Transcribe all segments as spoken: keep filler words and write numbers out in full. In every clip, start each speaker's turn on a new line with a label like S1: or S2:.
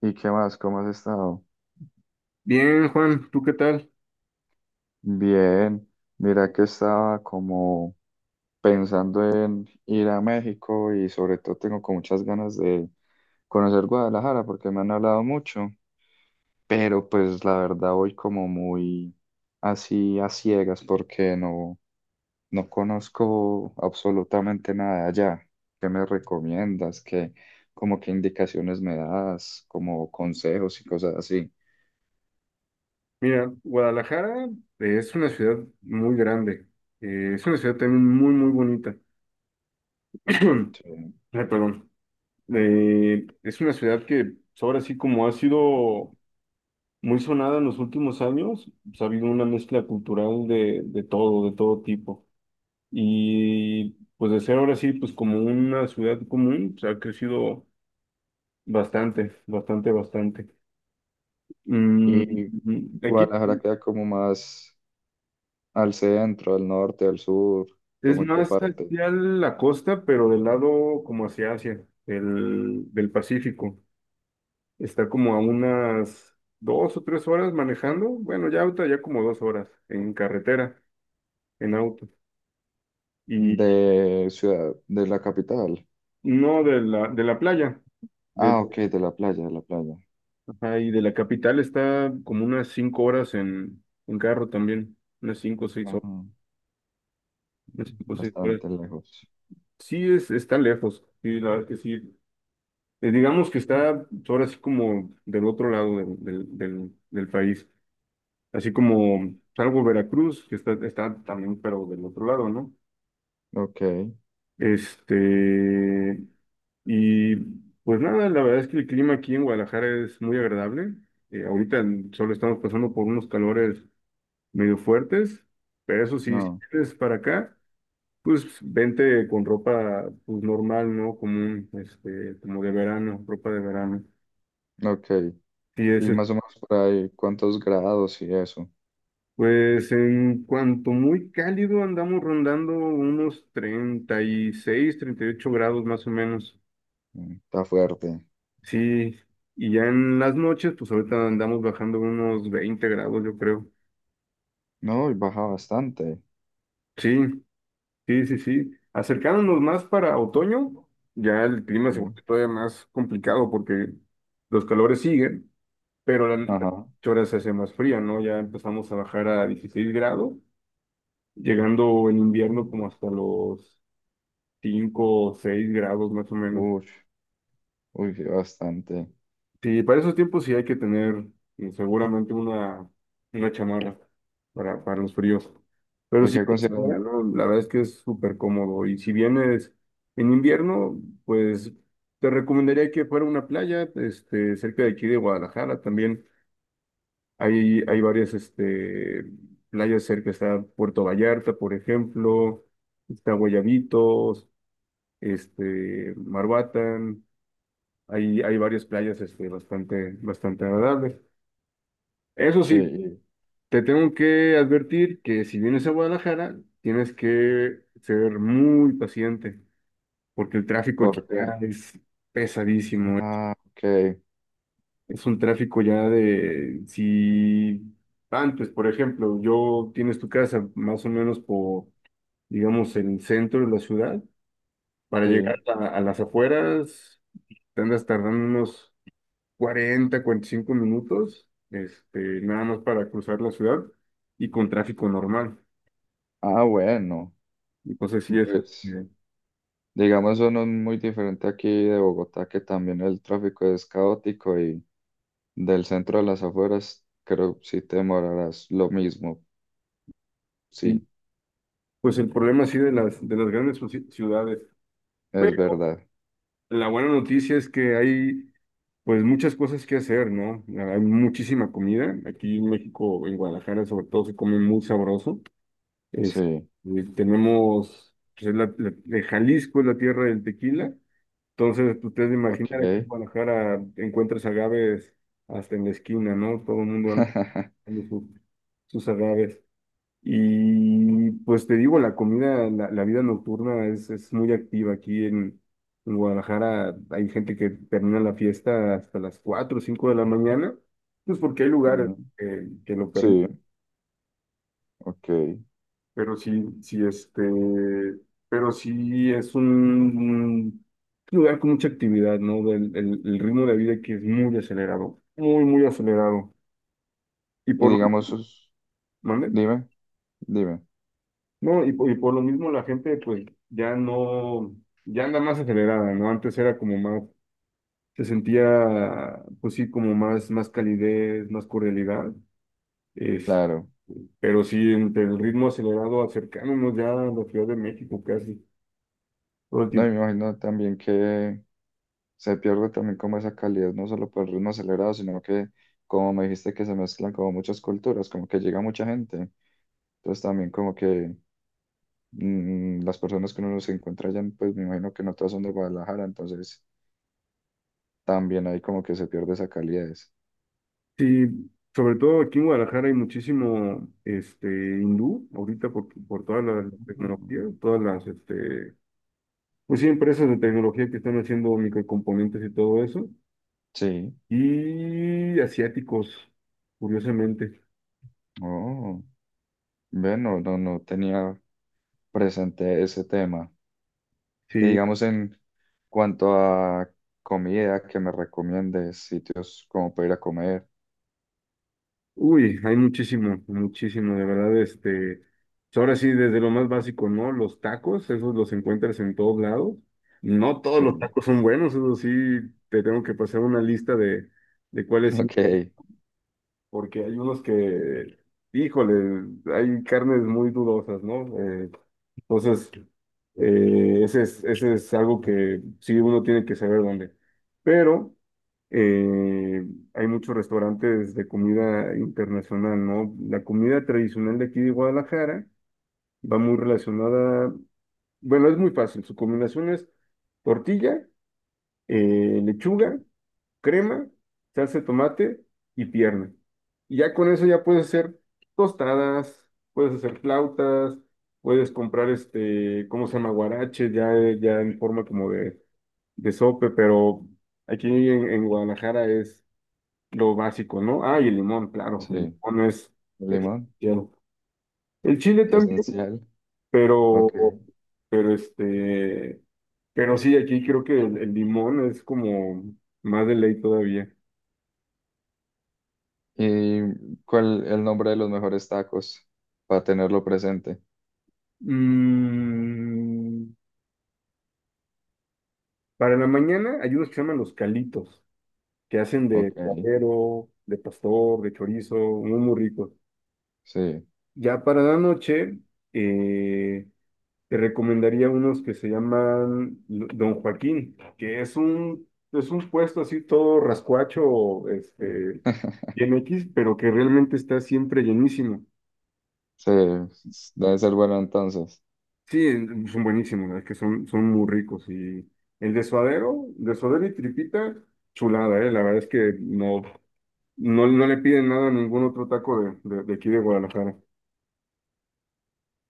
S1: ¿Y qué más? ¿Cómo has estado?
S2: Bien, Juan, ¿tú qué tal?
S1: Bien, mira que estaba como pensando en ir a México y sobre todo tengo con muchas ganas de conocer Guadalajara porque me han hablado mucho, pero pues la verdad voy como muy así a ciegas porque no, no conozco absolutamente nada de allá. ¿Qué me recomiendas? ¿Qué, como qué indicaciones me das? Como consejos y cosas así.
S2: Mira, Guadalajara eh, es una ciudad muy grande. Eh, es una ciudad también muy, muy bonita. Ay,
S1: Sí.
S2: perdón. Eh, es una ciudad que, pues, ahora sí, como ha sido muy sonada en los últimos años, pues, ha habido una mezcla cultural de, de todo, de todo tipo. Y pues, de ser ahora sí, pues, como una ciudad común, pues, ha crecido bastante, bastante, bastante.
S1: Y
S2: Mm, Aquí
S1: Guadalajara queda como más al centro, al norte, al sur,
S2: es
S1: como en qué
S2: más
S1: parte
S2: hacia la costa, pero del lado como hacia Asia, el, del Pacífico. Está como a unas dos o tres horas manejando. Bueno, ya ahorita ya como dos horas en carretera, en auto. Y
S1: de ciudad, de la capital.
S2: no de la, de la playa. De,
S1: Ah, ok, de la playa, de la playa.
S2: ajá, y de la capital está como unas cinco horas en, en carro también. Unas cinco o seis
S1: Ajá,
S2: horas. Unas cinco o seis horas.
S1: bastante lejos.
S2: Sí, es, está lejos. Sí, la verdad que sí. Eh, digamos que está ahora así como del otro lado del, del, del- del país, así como salvo Veracruz, que está, está también, pero del otro lado, ¿no?
S1: Ok,
S2: Este, y pues nada, la verdad es que el clima aquí en Guadalajara es muy agradable. Eh, ahorita en- solo estamos pasando por unos calores medio fuertes, pero eso sí, si
S1: no,
S2: vienes para acá, pues vente con ropa, pues, normal, ¿no? Común, este, como de verano, ropa de verano.
S1: ok.
S2: Sí, es.
S1: Y más o menos por ahí, ¿cuántos grados y eso?
S2: Pues, en cuanto muy cálido, andamos rondando unos treinta treinta y seis, treinta y ocho grados más o menos.
S1: Mm, está fuerte.
S2: Sí, y ya en las noches, pues, ahorita andamos bajando unos veinte grados, yo creo.
S1: No, y baja bastante.
S2: Sí, sí, sí, sí. Acercándonos más para otoño, ya el clima
S1: Sí.
S2: se vuelve todavía más complicado porque los calores siguen, pero la noche
S1: Ajá.
S2: ahora se hace más fría, ¿no? Ya empezamos a bajar a dieciséis grados, llegando en invierno como hasta los cinco o seis grados más o menos.
S1: Uy, uy, sí, bastante.
S2: Sí, para esos tiempos sí hay que tener eh, seguramente una, una chamarra para, para los fríos. Pero
S1: ¿Y
S2: si
S1: qué
S2: vienes en
S1: consideran?
S2: verano, la verdad es que es súper cómodo. Y si vienes en invierno, pues te recomendaría que fuera a una playa, este, cerca de aquí de Guadalajara también. Hay, hay varias, este, playas cerca. Está Puerto Vallarta, por ejemplo, está Guayabitos, este, Marbatán. Hay, hay varias playas, este, bastante, bastante agradables. Eso sí,
S1: Sí,
S2: te tengo que advertir que si vienes a Guadalajara, tienes que ser muy paciente, porque el tráfico aquí
S1: ¿por qué?
S2: ya es pesadísimo. Es
S1: Ah, ok,
S2: es un tráfico ya de, si antes, por ejemplo, yo tienes tu casa más o menos por, digamos, el centro de la ciudad, para llegar
S1: sí.
S2: a, a las afueras, te andas tardando unos cuarenta cuarenta y cinco minutos, este, nada más para cruzar la ciudad y con tráfico normal.
S1: Ah, bueno,
S2: Entonces sí es,
S1: pues
S2: este,
S1: digamos eso no es muy diferente aquí de Bogotá, que también el tráfico es caótico y del centro a las afueras creo si te demorarás lo mismo.
S2: sí,
S1: Sí,
S2: pues, el problema sí de las, de las grandes ci- ciudades.
S1: es
S2: Pero
S1: verdad.
S2: la buena noticia es que hay, pues, muchas cosas que hacer, ¿no? Hay muchísima comida. Aquí en México, en Guadalajara sobre todo, se come muy sabroso. Este,
S1: Sí,
S2: tenemos, pues, es la- la- de Jalisco es la tierra del tequila. Entonces, pues, ustedes imaginar, aquí
S1: ok.
S2: en Guadalajara encuentras agaves hasta en la esquina, ¿no? Todo el mundo anda buscando sus, sus agaves. Y pues te digo, la comida, la, la vida nocturna es, es muy activa aquí en, en Guadalajara. Hay gente que termina la fiesta hasta las cuatro o cinco de la mañana, pues porque hay lugares
S1: Ujú.
S2: eh, que lo permiten.
S1: Sí, ok. Y
S2: Pero sí, sí, este, pero sí es un, un lugar con mucha actividad, ¿no? Del, el, el ritmo de vida que es muy acelerado, muy, muy acelerado. Y por lo,
S1: digamos, sus-
S2: ¿mande?
S1: dime, dime.
S2: No, y por, y por lo mismo la gente, pues, ya no, ya anda más acelerada, ¿no? Antes era como más, se sentía, pues sí, como más, más calidez, más cordialidad. Es,
S1: Claro.
S2: pero sí, entre el ritmo acelerado, acercándonos ya a la Ciudad de México casi, todo el
S1: No, y
S2: tiempo.
S1: me imagino también que se pierde también como esa calidad, no solo por el ritmo acelerado, sino que como me dijiste que se mezclan como muchas culturas, como que llega mucha gente. Entonces también como que mm, las personas que uno se encuentra allá, pues me imagino que no todas son de Guadalajara, entonces también ahí como que se pierde esa calidez.
S2: Sí, sobre todo aquí en Guadalajara hay muchísimo, este, hindú ahorita por, por toda la, la
S1: Ah.
S2: tecnología, todas las, este, pues sí, empresas de tecnología que están haciendo microcomponentes y todo eso,
S1: Sí,
S2: y asiáticos, curiosamente.
S1: oh, bueno, no, no no tenía presente ese tema. Y
S2: Sí,
S1: digamos en cuanto a comida, que me recomiendes sitios como para ir a comer.
S2: uy, hay muchísimo, muchísimo, de verdad, este, pues, ahora sí, desde lo más básico, ¿no? Los tacos, esos los encuentras en todos lados. No todos
S1: Sí,
S2: los tacos son buenos, eso sí, te tengo que pasar una lista de, de cuáles sí.
S1: ok,
S2: Porque hay unos que, híjole, hay carnes muy dudosas, ¿no? Eh, entonces, eh, ese es, ese es algo que sí uno tiene que saber dónde. Pero eh, hay muchos restaurantes de comida internacional, ¿no? La comida tradicional de aquí de Guadalajara va muy relacionada, bueno, es muy fácil, su combinación es tortilla, eh, lechuga, crema, salsa de tomate y pierna. Y ya con eso ya puedes hacer tostadas, puedes hacer flautas, puedes comprar, este, ¿cómo se llama? Guarache, ya, ya en forma como de, de sope, pero aquí en, en Guadalajara es lo básico, ¿no? Ah, y el limón, claro, el
S1: sí,
S2: limón es
S1: limón,
S2: esencial. El chile también,
S1: esencial,
S2: pero,
S1: ok.
S2: pero este, pero sí, aquí creo que el, el limón es como más de ley todavía.
S1: ¿Y cuál el nombre de los mejores tacos? Para tenerlo presente.
S2: Mm, para la mañana hay unos que se llaman los calitos, que hacen de
S1: Ok,
S2: cuatero, de pastor, de chorizo, muy, muy ricos.
S1: sí,
S2: Ya para la noche, eh, te recomendaría unos que se llaman L- Don Joaquín, que es un, es un puesto así todo rascuacho, este, bien X, pero que realmente está siempre llenísimo.
S1: sí, debe ser bueno entonces.
S2: Sí, son buenísimos, es que son, son muy ricos. Y el de suadero, de suadero y tripita, chulada, ¿eh? La verdad es que no, no, no le piden nada a ningún otro taco de, de, de aquí de Guadalajara.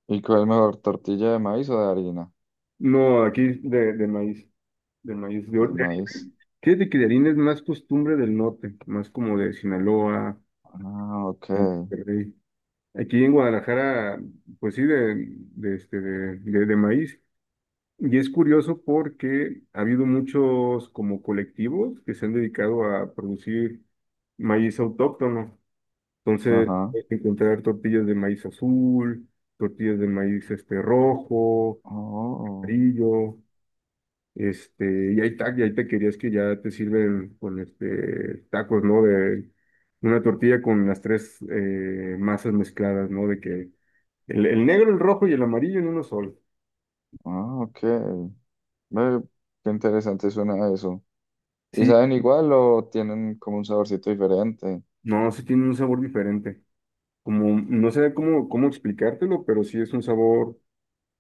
S1: ¿Y cuál es mejor, tortilla de maíz o de harina?
S2: No, aquí de, de maíz, de maíz. De, or-
S1: De
S2: de harina.
S1: maíz.
S2: Fíjate que de harina es más costumbre del norte, más como de Sinaloa,
S1: Ah, ok,
S2: Monterrey. Aquí en Guadalajara, pues sí, de, de, este, de, de de maíz. Y es curioso porque ha habido muchos como colectivos que se han dedicado a producir maíz autóctono. Entonces,
S1: ajá.
S2: puedes encontrar tortillas de maíz azul, tortillas de maíz, este, rojo,
S1: Oh,
S2: amarillo, este, y hay, ta- y hay taquerías que ya te sirven con este tacos, ¿no? De una tortilla con las tres, eh, masas mezcladas, ¿no? De que el, el negro, el rojo y el amarillo en uno solo.
S1: ah, ok. Ve, qué interesante suena eso. ¿Y
S2: Sí,
S1: saben igual o tienen como un saborcito diferente?
S2: no, sí tiene un sabor diferente. Como, no sé cómo, cómo explicártelo, pero sí es un sabor,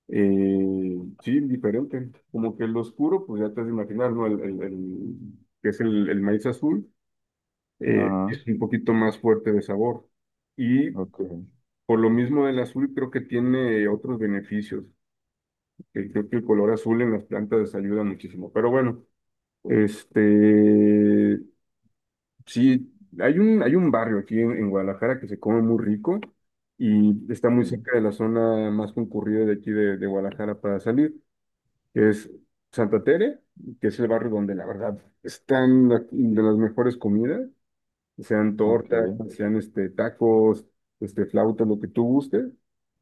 S2: eh, sí, diferente. Como que el oscuro, pues ya te has de imaginar, ¿no? El, el- el- que es el, el maíz azul, eh,
S1: Ajá,
S2: es un poquito más fuerte de sabor. Y
S1: ok,
S2: por lo mismo el azul creo que tiene otros beneficios. Eh, Creo que el color azul en las plantas les ayuda muchísimo. Pero bueno, este, sí, hay un, hay un barrio aquí en, en Guadalajara que se come muy rico y está muy
S1: sí,
S2: cerca de la zona más concurrida de aquí de, de Guadalajara para salir, que es Santa Tere, que es el barrio donde la verdad están la- de las mejores comidas, sean
S1: ok,
S2: tortas, sean, este, tacos, este, flautas, lo que tú gustes.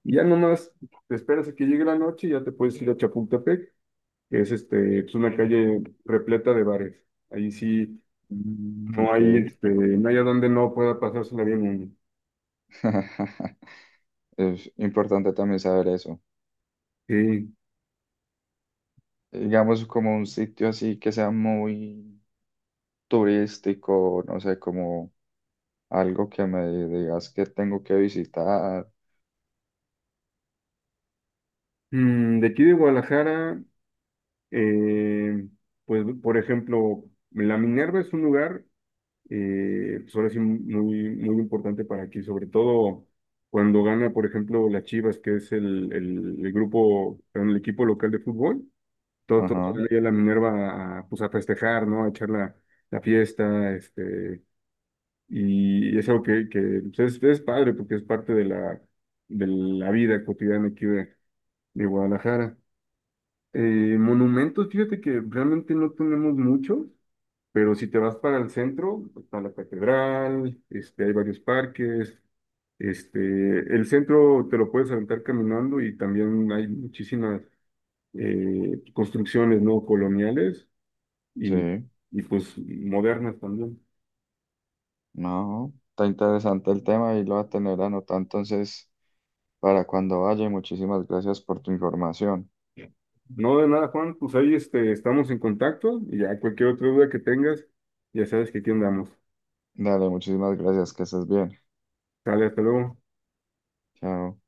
S2: Y ya nomás te esperas a que llegue la noche y ya te puedes ir a Chapultepec, que es, este, pues, una calle repleta de bares. Ahí sí.
S1: mm,
S2: No
S1: ok.
S2: hay, este, no hay a donde no pueda pasársela bien uno.
S1: Es importante también saber eso.
S2: Sí.
S1: Digamos, como un sitio así que sea muy turístico, no sé, como algo que me digas que tengo que visitar.
S2: Mm, de aquí de Guadalajara, eh, pues, por ejemplo, la Minerva es un lugar, eh, pues, ahora sí, muy, muy importante para aquí, sobre todo cuando gana, por ejemplo, las Chivas, que es el, el, el grupo, perdón, el equipo local de fútbol. Todos, todos
S1: Ajá,
S2: salen ahí a la Minerva a, pues, a festejar, ¿no? A echar la, la fiesta, este. Y es algo que, que pues, es, es padre porque es parte de la, de la vida cotidiana aquí de, de Guadalajara. Eh, Monumentos, fíjate que realmente no tenemos muchos, pero si te vas para el centro, está la catedral, este, hay varios parques, este, el centro te lo puedes aventar caminando y también hay muchísimas, eh, construcciones no coloniales y,
S1: sí,
S2: y pues modernas también.
S1: no, está interesante el tema y lo voy a tener anotado entonces para cuando vaya. Y muchísimas gracias por tu información.
S2: No, de nada, Juan, pues ahí, este, estamos en contacto y ya cualquier otra duda que tengas, ya sabes que aquí andamos.
S1: Dale, muchísimas gracias, que estés bien.
S2: Sale, hasta luego.
S1: Chao.